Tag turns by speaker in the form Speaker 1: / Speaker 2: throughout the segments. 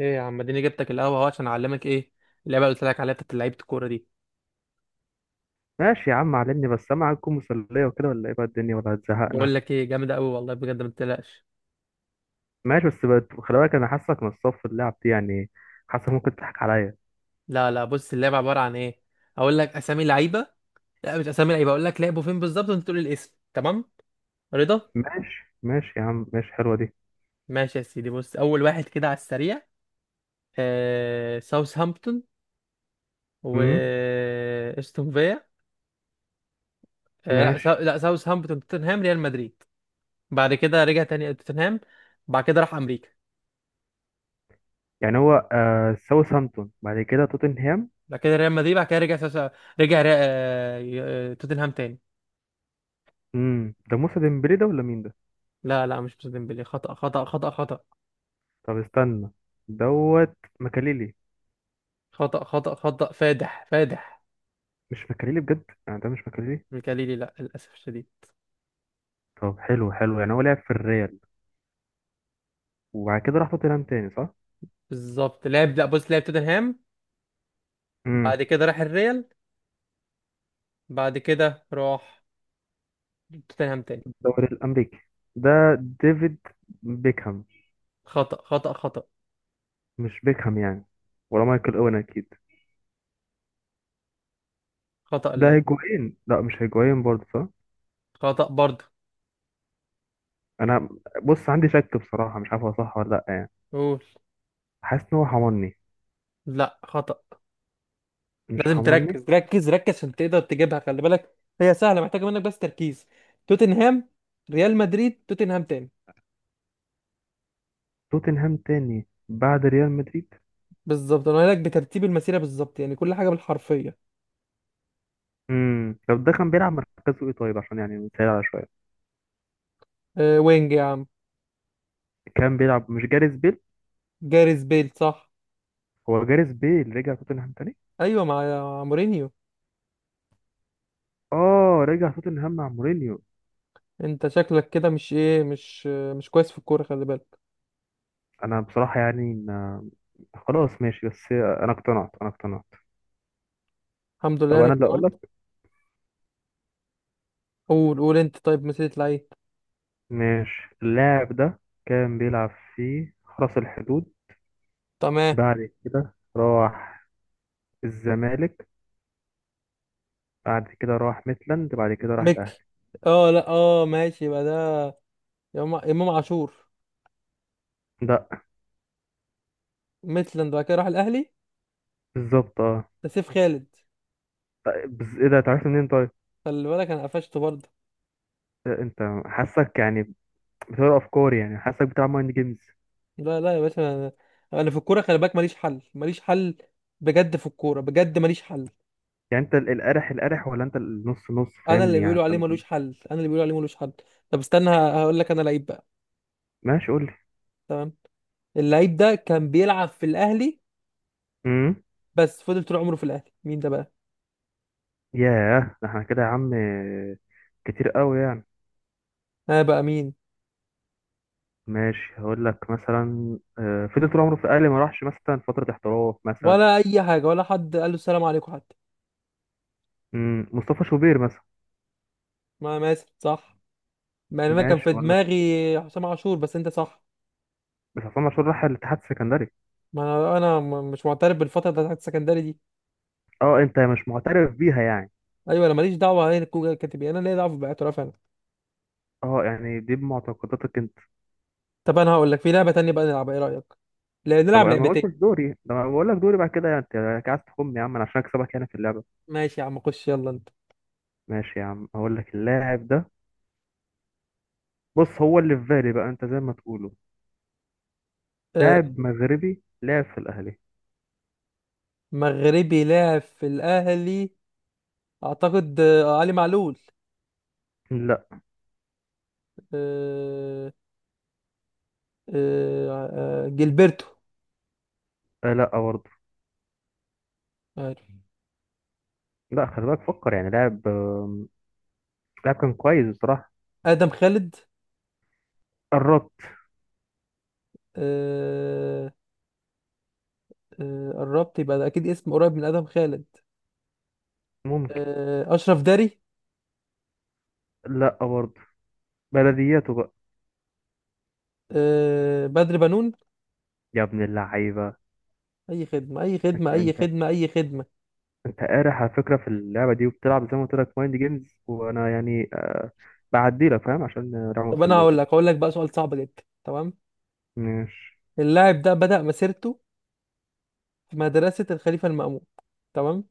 Speaker 1: ايه يا عم، اديني جبتك القهوه اهو عشان اعلمك ايه اللعبه اللي قلت لك عليها بتاعت لعيبه الكوره دي.
Speaker 2: ماشي يا عم، علمني بس. سامع، هتكون مسلية وكده ولا ايه بقى الدنيا، ولا هتزهقنا؟
Speaker 1: بقول لك ايه، جامده قوي والله بجد، ما تقلقش.
Speaker 2: ماشي، بس خلي بالك، انا حاسك من الصف اللعب دي يعني، حاسك ممكن تضحك عليا.
Speaker 1: لا، لا، بص اللعبه عباره عن ايه. اقول لك اسامي لعيبه. لا، مش اسامي لعيبه، اقول لك لعبوا فين بالظبط وانت تقول لي الاسم. تمام؟ رضا.
Speaker 2: ماشي، ماشي يا عم، ماشي. حلوة دي.
Speaker 1: ماشي يا سيدي، بص اول واحد كده على السريع. ساوثهامبتون، و
Speaker 2: امم
Speaker 1: استون فيا.
Speaker 2: ماشي.
Speaker 1: لا، ساوثهامبتون، توتنهام، ريال مدريد. بعد كده رجع تاني توتنهام. بعد كده راح امريكا.
Speaker 2: يعني هو ساوثهامبتون بعد كده توتنهام.
Speaker 1: بعد كده ريال مدريد، بعد كده توتنهام تاني.
Speaker 2: ده موسى ديمبلي ده، ولا مين ده؟
Speaker 1: لا، لا، مش مسلم ديمبلي، خطأ خطأ خطأ خطأ.
Speaker 2: طب استنى. دوت مكاليلي.
Speaker 1: خطأ خطأ خطأ فادح فادح.
Speaker 2: مش مكاليلي بجد؟ يعني ده مش مكاليلي؟
Speaker 1: ميكاليلي، لا للأسف الشديد.
Speaker 2: طب، حلو حلو. يعني هو لعب في الريال وبعد كده راح توتنهام تاني، صح؟
Speaker 1: بالظبط، لا، بص، لعب توتنهام.
Speaker 2: امم
Speaker 1: بعد كده راح الريال، بعد كده راح توتنهام تاني.
Speaker 2: الدوري الامريكي ده. ديفيد بيكهام.
Speaker 1: خطأ خطأ خطأ
Speaker 2: مش بيكهام يعني؟ ولا مايكل اوين اكيد؟
Speaker 1: خطأ.
Speaker 2: ده
Speaker 1: لا،
Speaker 2: هيجوين، لا مش هيجوين برضه، صح؟
Speaker 1: خطأ برضه.
Speaker 2: انا، بص، عندي شك بصراحه. مش عارف هو صح ولا لا يعني.
Speaker 1: قول.
Speaker 2: حاسس ان هو حمرني.
Speaker 1: لا، خطأ.
Speaker 2: مش
Speaker 1: لازم
Speaker 2: حمرني؟
Speaker 1: تركز، ركز ركز عشان تقدر تجيبها، خلي بالك هي سهلة، محتاجة منك بس تركيز. توتنهام، ريال مدريد، توتنهام تاني.
Speaker 2: توتنهام تاني بعد ريال مدريد.
Speaker 1: بالظبط، انا قايل لك بترتيب المسيرة بالظبط، يعني كل حاجة بالحرفية.
Speaker 2: طب ده كان بيلعب مركزه ايه طيب، عشان يعني نسهل على شويه.
Speaker 1: أه، وينج يا عم.
Speaker 2: كان بيلعب. مش جاريث بيل؟
Speaker 1: جاريث بيل، صح.
Speaker 2: هو جاريث بيل رجع توتنهام تاني.
Speaker 1: ايوه، مع مورينيو.
Speaker 2: اه، رجع توتنهام مع مورينيو.
Speaker 1: انت شكلك كده مش كويس في الكوره، خلي بالك.
Speaker 2: انا بصراحه يعني خلاص ماشي. بس انا اقتنعت، انا اقتنعت.
Speaker 1: الحمد لله
Speaker 2: طب انا
Speaker 1: انك
Speaker 2: اللي اقول
Speaker 1: تمام.
Speaker 2: لك.
Speaker 1: قول قول انت. طيب، مسيرة لعيب.
Speaker 2: ماشي. اللاعب ده كان بيلعب في حرس الحدود.
Speaker 1: تمام.
Speaker 2: بعد كده راح الزمالك، بعد كده راح ميتلاند، بعد كده راح الأهلي.
Speaker 1: ميكي. اه، لا، اه، ماشي، يبقى ده إمام عاشور.
Speaker 2: لا.
Speaker 1: ميتلاند، بعد كده راح الاهلي.
Speaker 2: بالظبط اه.
Speaker 1: ده سيف خالد.
Speaker 2: طيب، بس ايه ده، اتعرفت منين طيب؟
Speaker 1: خلي بالك، انا قفشته برضه.
Speaker 2: إيه، انت حاسك يعني بتقرا افكاري، يعني حاسك بتلعب مايند جيمز.
Speaker 1: لا، لا يا باشا، انا في الكوره خلي بالك، ماليش حل، ماليش حل. بجد، في الكوره بجد، ماليش حل.
Speaker 2: يعني انت القرح القرح، ولا انت النص نص،
Speaker 1: انا اللي
Speaker 2: فاهمني يعني؟
Speaker 1: بيقولوا عليه ملوش حل، انا اللي بيقولوا عليه ملوش حل. طب استنى، هقول لك انا لعيب بقى.
Speaker 2: ماشي، قول لي.
Speaker 1: تمام. اللعيب ده كان بيلعب في الاهلي،
Speaker 2: امم
Speaker 1: بس فضل طول عمره في الاهلي، مين ده بقى؟
Speaker 2: ياه. ده احنا كده يا عم، كتير قوي يعني.
Speaker 1: انا بقى مين؟
Speaker 2: ماشي، هقول لك مثلا فضل طول عمره في الاهلي، ما راحش مثلا فتره احتراف مثلا.
Speaker 1: ولا اي حاجه، ولا حد قال له السلام عليكم حتى.
Speaker 2: مصطفى شوبير مثلا.
Speaker 1: ما ماسك صح. مع ان انا كان
Speaker 2: ماشي،
Speaker 1: في
Speaker 2: اقول لك.
Speaker 1: دماغي حسام عاشور، بس انت صح.
Speaker 2: بس عصام عاشور راح الاتحاد السكندري.
Speaker 1: ما انا مش معترف بالفتره بتاعت السكندري دي.
Speaker 2: اه، انت مش معترف بيها يعني.
Speaker 1: ايوه، انا ماليش دعوه، هي الكوره كاتب إيه، انا ليا دعوه باعتراف انا.
Speaker 2: اه يعني دي بمعتقداتك انت.
Speaker 1: طب انا هقول لك، في لعبه تانية بقى نلعبها، ايه رايك؟
Speaker 2: طب
Speaker 1: نلعب
Speaker 2: انا ما قلتش
Speaker 1: لعبتين.
Speaker 2: دوري ده، انا بقول لك دوري بعد كده. يعني انت يعني عايز تخم يا عم انا، عشان اكسبك هنا في اللعبه؟
Speaker 1: ماشي يا عم، خش يلا انت.
Speaker 2: ماشي يا عم، هقول لك. اللاعب ده، بص، هو اللي في بالي بقى، انت زي ما تقوله.
Speaker 1: آه،
Speaker 2: لاعب مغربي لعب في الاهلي.
Speaker 1: مغربي لاعب في الاهلي. اعتقد علي معلول.
Speaker 2: لا.
Speaker 1: آه، جilberto.
Speaker 2: لا برضه.
Speaker 1: عارف؟
Speaker 2: لا، خلي بالك، فكر. يعني لاعب كان كويس بصراحه.
Speaker 1: ادم خالد.
Speaker 2: قربت.
Speaker 1: آه، قربت، يبقى ده اكيد اسم قريب من ادم خالد.
Speaker 2: ممكن.
Speaker 1: اشرف داري.
Speaker 2: لا برضه. بلدياته بقى.
Speaker 1: بدر بنون.
Speaker 2: يا ابن اللعيبه،
Speaker 1: اي خدمه، اي خدمه،
Speaker 2: انت
Speaker 1: اي
Speaker 2: انت
Speaker 1: خدمه، اي خدمه.
Speaker 2: انت قارح على فكره في اللعبه دي، وبتلعب زي ما قلت لك مايند جيمز. وانا يعني بعدي لك، فاهم؟ عشان راح
Speaker 1: طب انا هقول لك
Speaker 2: مسلية.
Speaker 1: هقول لك بقى سؤال صعب جدا. تمام.
Speaker 2: ماشي.
Speaker 1: اللاعب ده بدأ مسيرته في مدرسه الخليفه المأمون. تمام.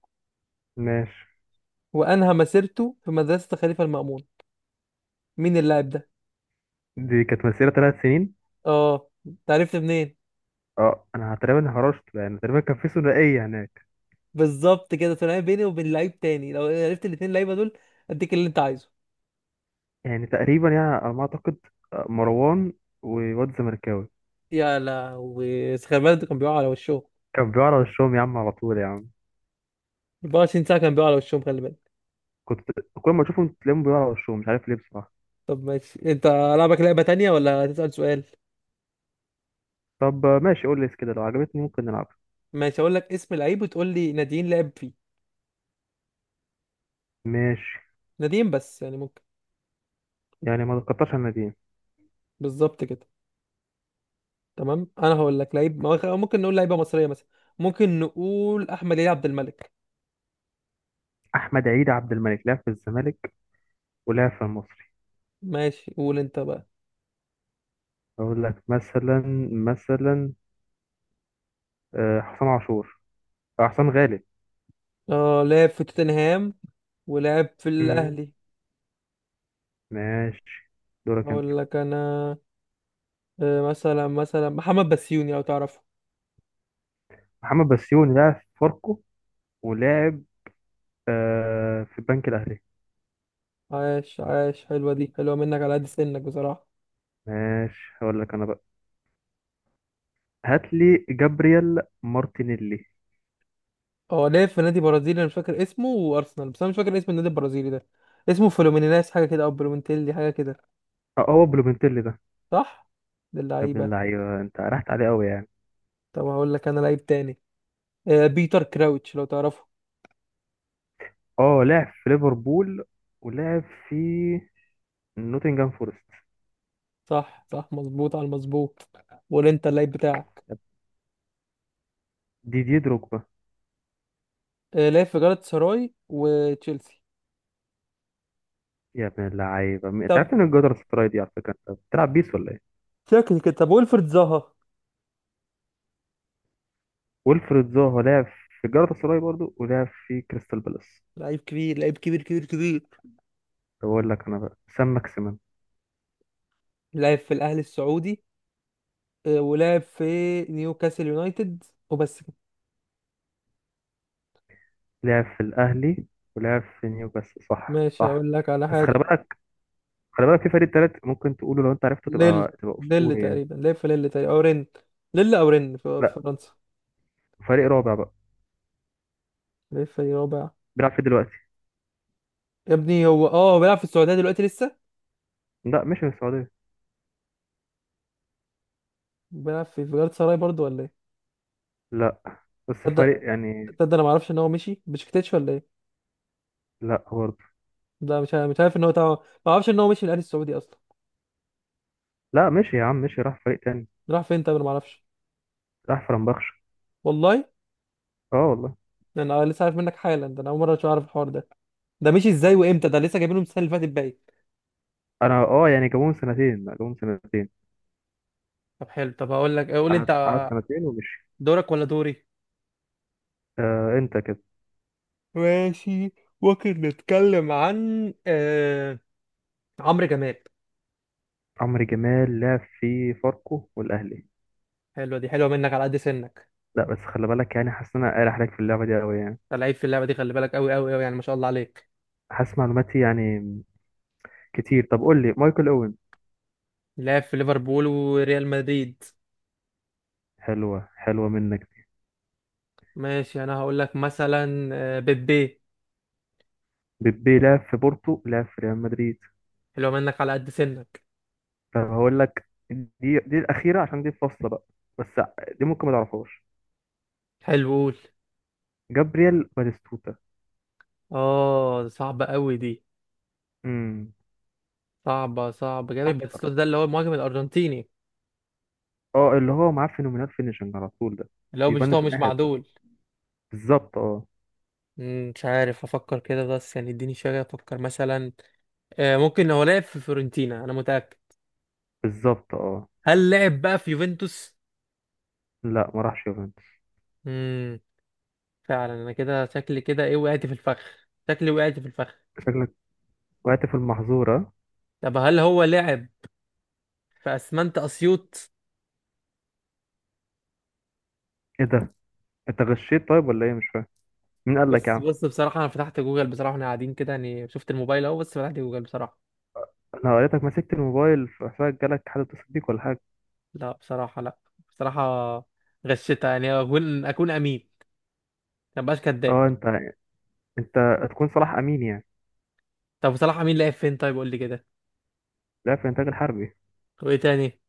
Speaker 2: ماشي.
Speaker 1: وانهى مسيرته في مدرسه الخليفه المأمون، مين اللاعب ده؟
Speaker 2: دي كانت مسيره 3 سنين.
Speaker 1: اه، انت عرفت منين؟
Speaker 2: اه، انا تقريبا هرشت يعني، تقريبا كان في ثنائيه هناك.
Speaker 1: بالظبط كده، تلاقي بيني وبين لعيب تاني، لو عرفت الاتنين لعيبه دول اديك اللي انت عايزه.
Speaker 2: يعني تقريبا يعني على ما اعتقد. مروان وواد زمركاوي.
Speaker 1: يا لهوي، خلي بالك ده كان بيقع على وشه.
Speaker 2: كان بيقع على وشهم يا عم، على طول يا عم.
Speaker 1: 24 ساعة كان بيقع على وشهم، خلي بالك.
Speaker 2: كنت. كل ما اشوفهم تلاقيهم بيقع على وشهم، مش عارف ليه بصراحه.
Speaker 1: طب ماشي، انت لعبك لعبة تانية ولا هتسأل سؤال؟
Speaker 2: طب ماشي، قول لي كده لو عجبتني ممكن نلعب.
Speaker 1: ماشي، هقول لك اسم لعيب وتقول لي ناديين لعب فيه.
Speaker 2: ماشي.
Speaker 1: ناديين بس يعني، ممكن؟
Speaker 2: يعني ما تقطعش الناديين.
Speaker 1: بالظبط كده. تمام، انا هقول لك لعيب ما هو- خ- ممكن نقول لعيبة مصرية مثلا. ممكن نقول احمد علي عبد الملك.
Speaker 2: احمد عيد عبد الملك لعب في الزمالك ولعب في المصري.
Speaker 1: ماشي، قول انت بقى.
Speaker 2: اقول لك مثلا حسام عاشور. حسام غالب.
Speaker 1: اه، لعب في توتنهام ولعب في
Speaker 2: مم.
Speaker 1: الاهلي.
Speaker 2: ماشي، دورك انت.
Speaker 1: هقول لك انا. مثلا محمد بسيوني لو تعرفه.
Speaker 2: محمد بسيوني لعب في فاركو، ولعب في البنك الاهلي.
Speaker 1: عاش عاش، حلوة دي، حلوة منك على قد سنك بصراحة.
Speaker 2: ماشي، هقول لك انا بقى. هات لي جابرييل مارتينيلي.
Speaker 1: هو لعب في نادي برازيلي انا مش فاكر اسمه، وارسنال، بس انا مش فاكر اسم النادي البرازيلي ده. اسمه فلومينيناس حاجة كده، او بلومنتيلي حاجة كده.
Speaker 2: اه، هو بلومنتيلي ده.
Speaker 1: صح. ده
Speaker 2: يا ابن
Speaker 1: اللعيبة.
Speaker 2: اللعيبه، انت رحت عليه قوي يعني.
Speaker 1: طب هقول لك انا لعيب تاني. بيتر كراوتش لو تعرفه.
Speaker 2: اه، لعب في ليفربول ولعب في نوتنجهام فورست.
Speaker 1: صح صح، مظبوط على المظبوط. ولا انت اللعيب بتاعك؟
Speaker 2: ديدي دروجبا.
Speaker 1: لعب في جالاتا سراي وتشيلسي.
Speaker 2: يا ابن اللعيبه، انت
Speaker 1: طب،
Speaker 2: عارف ان الجدر السراي دي على فكره، انت بتلعب بيس ولا ايه؟
Speaker 1: شكل كده. طب ويلفرد زها.
Speaker 2: ويلفريد زاها لعب في الجدر السراي برضو، ولعب في كريستال بالاس.
Speaker 1: لعيب كبير، لعيب كبير كبير كبير.
Speaker 2: طب اقول لك انا بقى، سام ماكسيمان.
Speaker 1: لعب في الاهلي السعودي، ولعب في نيوكاسل يونايتد، وبس.
Speaker 2: لعب في الاهلي، ولعب في نيوكاسل، صح،
Speaker 1: ماشي،
Speaker 2: صح.
Speaker 1: اقول لك على
Speaker 2: بس خلي
Speaker 1: حاجه.
Speaker 2: بالك، خلي بالك، في فريق تالت ممكن تقوله، لو انت عرفته
Speaker 1: ليل
Speaker 2: تبقى
Speaker 1: ليل
Speaker 2: اسطوري يعني.
Speaker 1: تقريبا، ليل، في ليل تقريبا او رن. ليل او رن في في
Speaker 2: لا،
Speaker 1: فرنسا.
Speaker 2: فريق رابع بقى.
Speaker 1: ليل في رابع.
Speaker 2: بيلعب فيه دلوقتي.
Speaker 1: يا ابني، هو بيلعب في السعوديه دلوقتي لسه.
Speaker 2: لا، مشي من السعوديه.
Speaker 1: بيلعب في جالاتا سراي برضه ولا ايه؟
Speaker 2: لا، بس
Speaker 1: تصدق
Speaker 2: فريق يعني.
Speaker 1: تصدق انا ما اعرفش ان هو مشي بشكتيتش ولا ايه.
Speaker 2: لا برضه.
Speaker 1: لا، مش عارف ان هو. ما اعرفش ان هو مشي من الاهلي السعودي اصلا.
Speaker 2: لا، مشي يا عم، مشي راح فريق تاني.
Speaker 1: راح فين؟ طب انا ما اعرفش.
Speaker 2: راح فرنبخش.
Speaker 1: والله.
Speaker 2: اه والله.
Speaker 1: يعني انا لسه عارف منك حالا ده، انا اول مره اعرف الحوار ده. ده مشي ازاي وامتى؟ ده لسه جايبينه من السنه اللي فاتت باين.
Speaker 2: انا اه يعني جابوهم سنتين. لا، جابوهم سنتين.
Speaker 1: طب حلو. طب هقول لك، قول
Speaker 2: قعد
Speaker 1: انت.
Speaker 2: قعد سنتين ومشي.
Speaker 1: دورك ولا دوري؟
Speaker 2: انت كده.
Speaker 1: ماشي، ممكن نتكلم عن عمرو جمال.
Speaker 2: عمرو جمال لعب في فاركو والاهلي.
Speaker 1: حلوه دي، حلوه منك على قد سنك.
Speaker 2: لا بس خلي بالك، يعني حاسس ان انا قارح عليك في اللعبه دي قوي يعني.
Speaker 1: انت لعيب في اللعبه دي، خلي بالك قوي قوي قوي يعني، ما شاء الله عليك.
Speaker 2: حاسس معلوماتي يعني كتير. طب قول لي، مايكل اوين.
Speaker 1: لعب في ليفربول وريال مدريد.
Speaker 2: حلوه حلوه منك.
Speaker 1: ماشي، انا هقول لك مثلا بيبي.
Speaker 2: بيبي لعب في بورتو، لعب في ريال مدريد.
Speaker 1: حلوه منك على قد سنك.
Speaker 2: طب هقول لك، دي الاخيره، عشان دي الفاصله بقى. بس دي ممكن ما تعرفهاش.
Speaker 1: حلو، قول.
Speaker 2: جابرييل باتيستوتا.
Speaker 1: اه، صعبه قوي دي.
Speaker 2: امم
Speaker 1: صعبه صعبه جامد، باتيستوتا ده اللي هو المهاجم الارجنتيني.
Speaker 2: اه، اللي هو معاه فينومينال فينيشنج على طول ده.
Speaker 1: اللي هو بيشوط، هو
Speaker 2: بيفنش من
Speaker 1: مش
Speaker 2: اي حته.
Speaker 1: معدول.
Speaker 2: بالظبط اه.
Speaker 1: مش عارف، افكر كده بس، يعني اديني شويه افكر مثلا. ممكن هو لعب في فيورنتينا، انا متاكد.
Speaker 2: بالظبط اه.
Speaker 1: هل لعب بقى في يوفنتوس؟
Speaker 2: لا، ما راحش يوفنتوس.
Speaker 1: امم فعلا، انا كده شكلي كده ايه، وقعت في الفخ. شكلي وقعت في الفخ.
Speaker 2: شكلك وقعت في المحظورة.
Speaker 1: طب هل هو لعب في اسمنت اسيوط؟
Speaker 2: ايه ده؟ انت غشيت طيب ولا ايه؟ مش فاهم. مين قال لك يا
Speaker 1: بص
Speaker 2: عم؟
Speaker 1: بص، بصراحة انا فتحت جوجل بصراحة، احنا قاعدين كده يعني، شفت الموبايل اهو، بس فتحت جوجل بصراحة.
Speaker 2: انا قريتك مسكت الموبايل، في حسابك جالك حد اتصل بيك ولا حاجة؟
Speaker 1: لا بصراحة، لا. بصراحة غشيتها، يعني اكون امين، ما بقاش كداب.
Speaker 2: اه، انت هتكون صلاح امين يعني.
Speaker 1: طب بصراحة، مين لعب فين؟ طيب قول لي كده.
Speaker 2: لا، في الانتاج الحربي.
Speaker 1: وايه تاني؟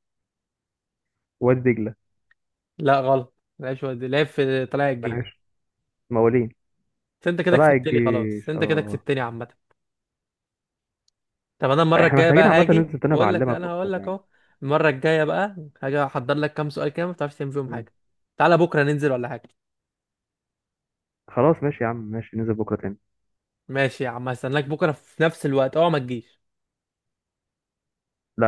Speaker 2: وادي دجلة.
Speaker 1: لا، غلط، ما لعبش وادي، لعب في طلائع الجيش.
Speaker 2: ملهاش موالين.
Speaker 1: بس انت كده
Speaker 2: طلع
Speaker 1: كسبتني، خلاص
Speaker 2: الجيش
Speaker 1: انت كده
Speaker 2: اه.
Speaker 1: كسبتني عامة. طب انا المره
Speaker 2: احنا
Speaker 1: الجايه
Speaker 2: محتاجين
Speaker 1: بقى
Speaker 2: عامة
Speaker 1: هاجي
Speaker 2: ننزل تاني
Speaker 1: بقول لك، لا
Speaker 2: بعلمك
Speaker 1: انا
Speaker 2: اكتر
Speaker 1: هقول لك
Speaker 2: يعني.
Speaker 1: اهو. المره الجايه بقى هاجي احضر لك كام سؤال كده، ما بتعرفش تعمل فيهم
Speaker 2: مم.
Speaker 1: حاجه. تعالى بكره ننزل ولا حاجه؟
Speaker 2: خلاص، ماشي يا عم، ماشي ننزل بكرة تاني.
Speaker 1: ماشي يا عم، هستناك بكره في نفس الوقت، اوعى ما تجيش.
Speaker 2: لا